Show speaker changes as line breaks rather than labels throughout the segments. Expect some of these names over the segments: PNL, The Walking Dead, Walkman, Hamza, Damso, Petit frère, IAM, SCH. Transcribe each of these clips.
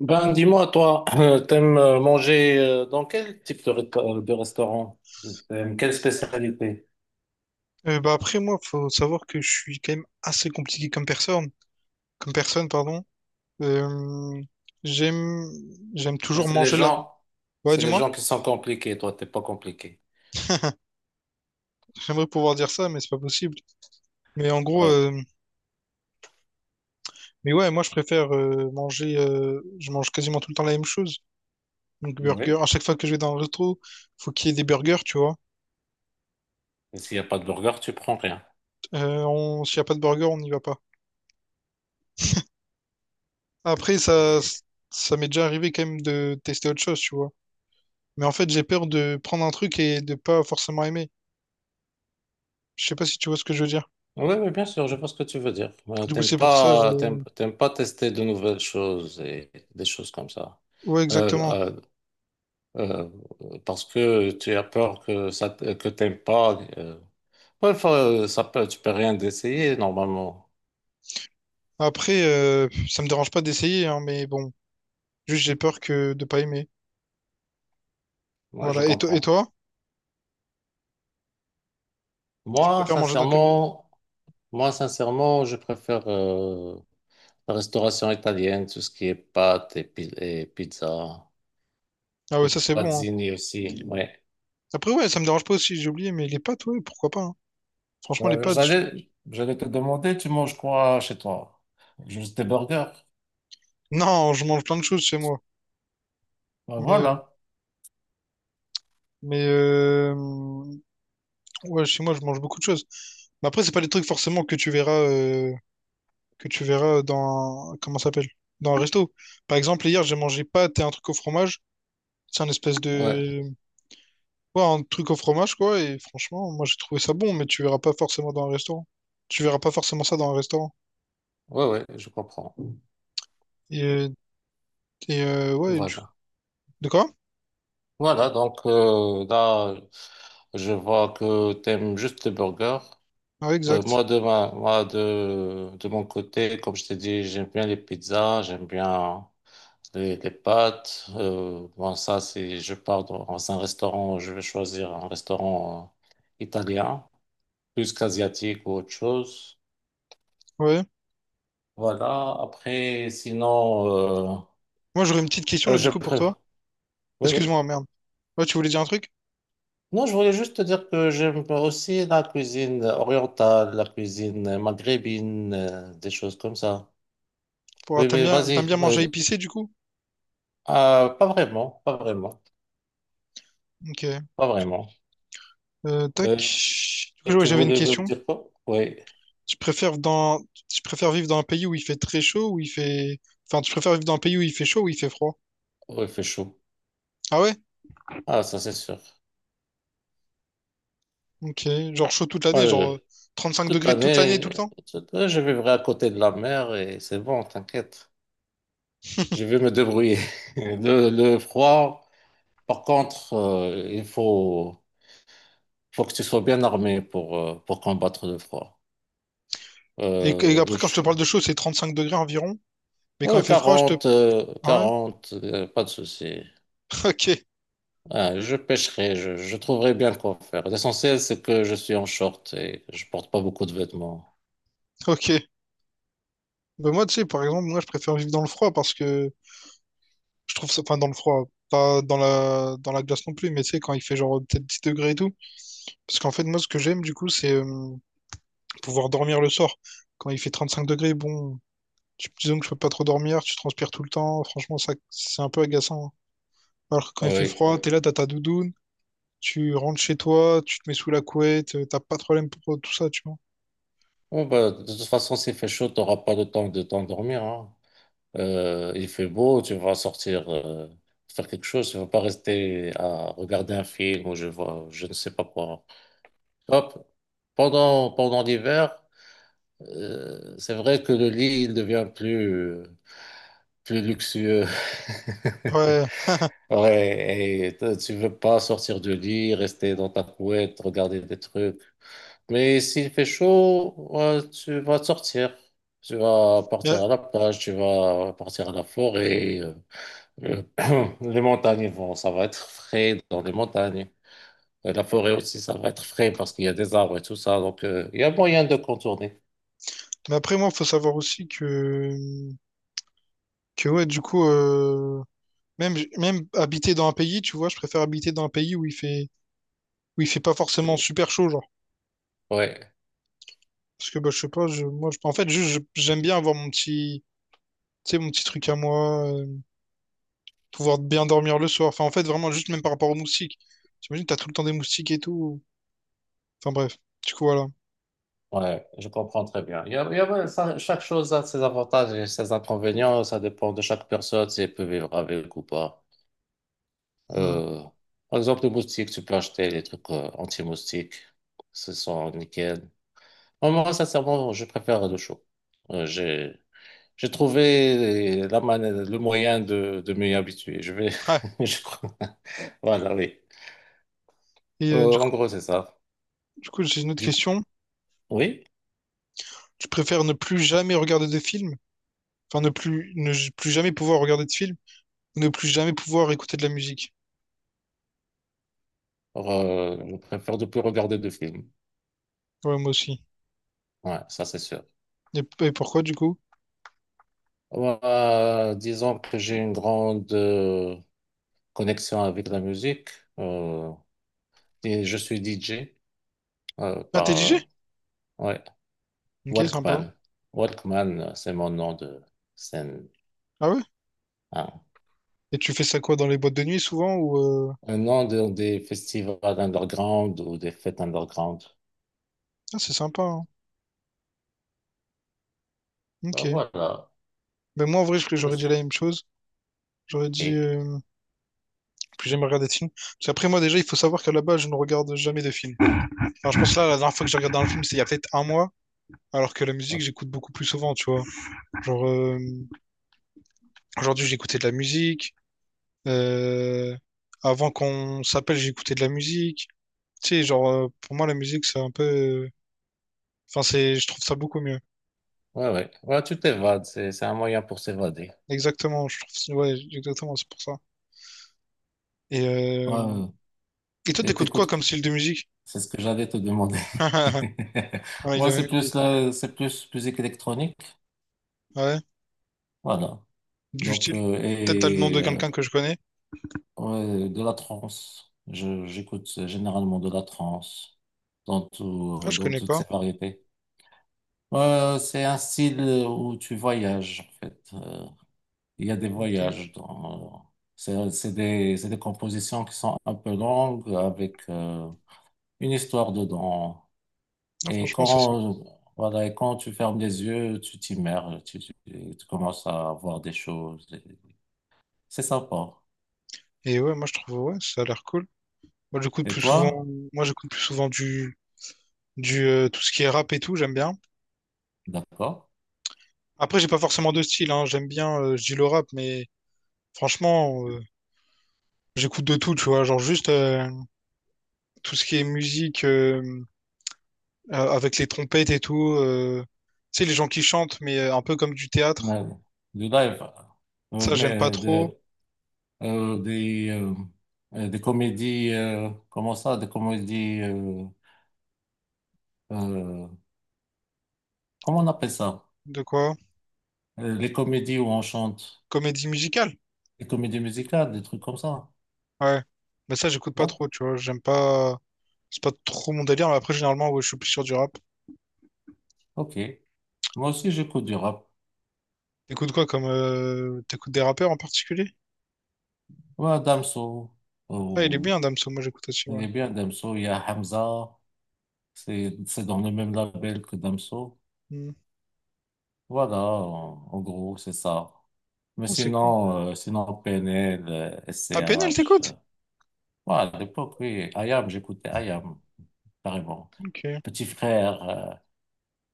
Ben, dis-moi, toi, t'aimes manger dans quel type de, de restaurant? T'aimes quelle spécialité?
Bah après moi, faut savoir que je suis quand même assez compliqué comme personne, pardon. Euh, j'aime, j'aime
Ouais,
toujours
c'est les
manger la.
gens,
Ouais,
c'est les
dis-moi,
gens qui sont compliqués. Toi, t'es pas compliqué.
j'aimerais pouvoir dire ça, mais c'est pas possible. Mais en gros,
Euh,
mais ouais, moi je préfère manger. Je mange quasiment tout le temps la même chose. Donc
oui.
burger. À chaque fois que je vais dans un resto, faut qu'il y ait des burgers, tu vois.
Et s'il n'y a pas de burger, tu prends rien.
S'il y a pas de burger, on n'y va pas. Après,
Oui,
ça,
oui.
ça m'est déjà arrivé quand même de tester autre chose, tu vois. Mais en fait, j'ai peur de prendre un truc et de pas forcément aimer. Je sais pas si tu vois ce que je veux dire.
Oui, oui, bien sûr, je vois ce que tu veux dire.
Du coup,
T'aimes
c'est pour ça, je...
pas, t'aimes pas tester de nouvelles choses et des choses comme ça.
Ouais, exactement.
Euh, euh, parce que tu as peur que ça, que t'aimes pas. Ouais, enfin, ça peut, tu peux rien d'essayer normalement.
Après, ça me dérange pas d'essayer, hein, mais bon, juste j'ai peur que de pas aimer.
Ouais, je
Voilà. Et, et
comprends.
toi, tu
Moi,
préfères manger dans quel...
sincèrement, moi, sincèrement, je préfère la restauration italienne, tout ce qui est pâtes et, et pizza,
Ah ouais,
et
ça c'est bon, hein.
pazzini aussi. Ouais.
Après, ouais, ça me dérange pas aussi, j'ai oublié, mais les pâtes, ouais, pourquoi pas, hein. Franchement, les
Ouais,
pâtes, je...
j'allais te demander, tu manges quoi chez toi? Juste des burgers.
Non, je mange plein de choses chez moi.
Ben
Mais, euh,
voilà.
mais ouais, chez moi, je mange beaucoup de choses. Mais après, c'est pas des trucs forcément que tu verras, que tu verras dans... Comment ça s'appelle? Dans un resto. Par exemple, hier, j'ai mangé pâtes et un truc au fromage. C'est un espèce
Ouais,
de... Ouais, un truc au fromage, quoi. Et franchement, moi, j'ai trouvé ça bon, mais tu verras pas forcément dans un restaurant. Tu verras pas forcément ça dans un restaurant.
ouais, ouais, je comprends.
Et, euh, et ouais, du...
Voilà.
De quoi?
Voilà, donc là, je vois que t'aimes juste les burgers.
Ouais, exact.
Moi, moi de mon côté, comme je t'ai dit, j'aime bien les pizzas, j'aime bien les pâtes. Bon, ça, c'est je pars dans un restaurant, je vais choisir un restaurant italien, plus qu'asiatique ou autre chose.
Ouais.
Voilà, après, sinon, euh,
Moi, j'aurais une petite question, là, du
je
coup, pour toi.
préfère. Oui, oui.
Excuse-moi, merde. Ouais, tu voulais dire un truc?
Non, je voulais juste te dire que j'aime aussi la cuisine orientale, la cuisine maghrébine, des choses comme ça. Oui, mais
T'aimes
vas-y.
bien manger épicé, du coup?
Ah, pas vraiment, pas vraiment,
Ok.
pas vraiment.
Tac.
Ok.
Du
Et
coup, ouais,
tu
j'avais une
voulais me
question.
dire quoi? Oui,
Tu préfères dans... Tu préfères vivre dans un pays où il fait très chaud, où il fait... Enfin, tu préfères vivre dans un pays où il fait chaud, où il fait froid?
oui, il fait chaud.
Ah ouais?
Ah, ça c'est sûr.
Ok, genre chaud toute
Moi,
l'année, genre
je-
cinq
toute
degrés toute l'année, tout
l'année,
le temps.
je vivrai à côté de la mer et c'est bon, t'inquiète. Je vais me débrouiller. Le froid, par contre, il faut, faut que tu sois bien armé pour combattre le froid.
Et
Euh, le
après, quand je te
ch-
parle de chaud, c'est 35 degrés environ. Mais quand il
ouais,
fait froid, je te...
40,
Ah ouais?
40, pas de souci.
Ok,
Ah, je pêcherai, je trouverai bien quoi faire. L'essentiel, c'est que je suis en short et je porte pas beaucoup de vêtements.
ok. Bah moi, tu sais, par exemple, moi, je préfère vivre dans le froid parce que je trouve ça... Enfin, dans le froid, pas dans la, dans la glace non plus, mais tu sais, quand il fait genre peut-être 10 degrés et tout. Parce qu'en fait, moi, ce que j'aime, du coup, c'est pouvoir dormir le soir. Quand il fait 35 degrés, bon, disons que je peux pas trop dormir, tu transpires tout le temps. Franchement, ça, c'est un peu agaçant, hein. Alors que quand il fait
Oui.
froid, t'es là, t'as ta doudoune. Tu rentres chez toi, tu te mets sous la couette, t'as pas de problème pour tout ça, tu vois.
Bon, bah, de toute façon, s'il fait chaud, tu n'auras pas le temps de t'endormir, hein. Il fait beau, tu vas sortir faire quelque chose. Tu ne vas pas rester à regarder un film ou je vois, je ne sais pas quoi. Hop. Pendant l'hiver, c'est vrai que le lit, il devient plus, plus luxueux.
Ouais.
Ouais, tu veux pas sortir du lit, rester dans ta couette, regarder des trucs. Mais s'il fait chaud, ouais, tu vas sortir. Tu vas partir
Mais,
à la plage, tu vas partir à la forêt. Euh, les montagnes vont, ça va être frais dans les montagnes. Et la forêt aussi, ça va être frais parce qu'il y a des arbres et tout ça. Donc, il y a moyen de contourner.
mais après, moi, faut savoir aussi que ouais, du coup, même, même habiter dans un pays, tu vois, je préfère habiter dans un pays où il fait pas forcément super chaud, genre.
Ouais.
Parce que, bah, je sais pas, je, moi, je, en fait, juste, j'aime bien avoir mon petit, tu sais, mon petit truc à moi, pouvoir bien dormir le soir. Enfin, en fait, vraiment, juste même par rapport aux moustiques. T'imagines, t'as tout le temps des moustiques et tout. Enfin, bref. Du coup, voilà.
Ouais, je comprends très bien. Ouais, ça- chaque chose a ses avantages et ses inconvénients. Ça dépend de chaque personne si elle peut vivre avec ou pas.
Hmm.
Euh, par exemple, les moustiques, tu peux acheter des trucs anti-moustiques. Ce sont nickel. Moi, sincèrement, je préfère le chaud. Euh, j'ai, j'ai trouvé le moyen de m'y habituer.
Ouais.
Je crois. Voilà, oui.
Et
En gros, c'est ça.
du coup, j'ai une autre
Du coup,
question.
oui,
Tu préfères ne plus jamais regarder de films? Enfin, ne plus, ne j- plus jamais pouvoir regarder de films? Ou ne plus jamais pouvoir écouter de la musique?
je préfère de plus regarder de films.
Ouais, moi aussi.
Ouais, ça, c'est sûr.
Et pourquoi, du coup?
Disons que j'ai une grande connexion avec la musique. Euh, et je suis DJ
Ah, t'es DJ?
par ouais,
Ok, sympa.
Walkman. Walkman, c'est mon nom de scène.
Ah ouais?
Ah,
Et tu fais ça quoi, dans les boîtes de nuit, souvent, ou...
Un nom de- des festivals underground ou des fêtes underground.
Ah, c'est sympa, hein.
Ben
Ok.
voilà.
Ben moi, en vrai, j'aurais dit la même chose. J'aurais dit...
Ok.
Plus jamais regarder de films. Parce qu'après, moi, déjà, il faut savoir qu'à la base, je ne regarde jamais de films. Alors, je pense là, la dernière fois que j'ai regardé un film, c'est il y a peut-être un mois. Alors que la musique, j'écoute beaucoup plus souvent, tu vois. Genre, aujourd'hui, j'ai écouté de la musique. Euh, Avant qu'on s'appelle, j'écoutais de la musique. Tu sais, genre, pour moi, la musique, c'est un peu. Enfin, c'est, je trouve ça beaucoup mieux.
Ouais, ouais. Ouais, tu t'évades. C'est un moyen pour s'évader.
Exactement, je trouve. Ouais, exactement, c'est pour ça. Et, euh...
Ouais, ouais.
Et toi,
Et
t'écoutes quoi
t'écoutes
comme style de musique?
c'est ce que j'allais te demander.
Ah, il
Moi,
a la même idée.
c'est plus musique électronique.
Ouais,
Voilà.
du
Donc,
style. Peut-être t'as le nom de quelqu'un que je connais.
ouais, de la trance. J'écoute généralement de la trance
Ah, je
dans
connais
toutes
pas.
ses variétés. C'est un style où tu voyages, en fait. Il y a des
Ok.
voyages dans, c'est des compositions qui sont un peu longues avec une histoire dedans.
Non,
Et
franchement, c'est ça.
quand, voilà, et quand tu fermes les yeux, tu t'immerges, tu commences à voir des choses. Et c'est sympa.
Et ouais, moi, je trouve, ouais, ça a l'air cool. Moi, j'écoute
Et
plus souvent.
toi?
Moi, j'écoute plus souvent du. Du tout ce qui est rap et tout, j'aime bien.
D'accord.
Après, j'ai pas forcément de style, hein. J'aime bien, je dis le rap, mais franchement, j'écoute de tout, tu vois, genre juste tout ce qui est musique avec les trompettes et tout. Tu sais, les gens qui chantent, mais un peu comme du théâtre.
Mais du live,
Ça, j'aime pas
mais
trop.
de- euh, des, euh, des comédies, comment ça, des comédies, euh, comment on appelle ça?
De quoi?
Les comédies où on chante,
Comédie musicale.
les comédies musicales, des trucs comme ça.
Ouais. Mais ça, j'écoute pas
D'accord.
trop, tu vois. J'aime pas. C'est pas trop mon délire, mais après, généralement, ouais, je suis plus sur du rap.
Ok. Moi aussi, j'écoute du rap.
T'écoutes quoi comme. T'écoutes des rappeurs en particulier?
Ouais, Damso.
Ah, il est bien, Damso, moi j'écoute aussi,
Il
ouais.
est bien Damso, il y a Hamza, c'est dans le même label que Damso.
Hmm.
Voilà, en gros, c'est ça. Mais
Oh, c'est cool.
sinon, sinon PNL,
Ah, PNL,
SCH.
t'écoutes?
Voilà, à l'époque, oui, IAM, j'écoutais IAM, carrément.
Ok.
Petit frère, euh,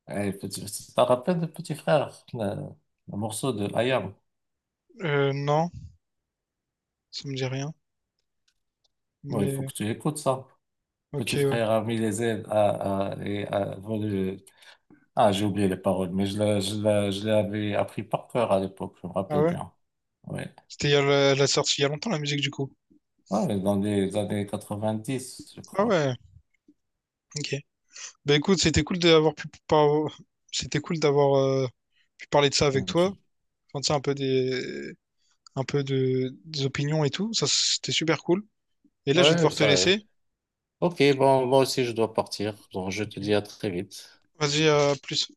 eh, petit, tu te rappelles de Petit frère, le morceau de IAM?
Non, ça me dit rien.
Bon, il faut
Mais.
que tu écoutes ça.
Ok,
Petit
ouais.
frère a mis les ailes et a volé. Ah, j'ai oublié les paroles, mais je l'avais appris par cœur à l'époque, je me
Ah
rappelle
ouais?
bien. Ouais.
C'était il y a la, la sortie il y a longtemps la musique du coup.
Ouais, dans les années 1990, je
Ah
crois.
ouais, ok. Bah écoute, c'était cool d'avoir c'était cool d'avoir pu parler de ça
Euh,
avec
je-
toi. Enfin, tu sais, un peu des un peu de des opinions et tout. Ça c'était super cool. Et là, je vais
Ouais,
devoir te
ça.
laisser.
Ok, bon, moi aussi, je dois partir. Donc, je te dis à très vite.
Vas-y, à plus.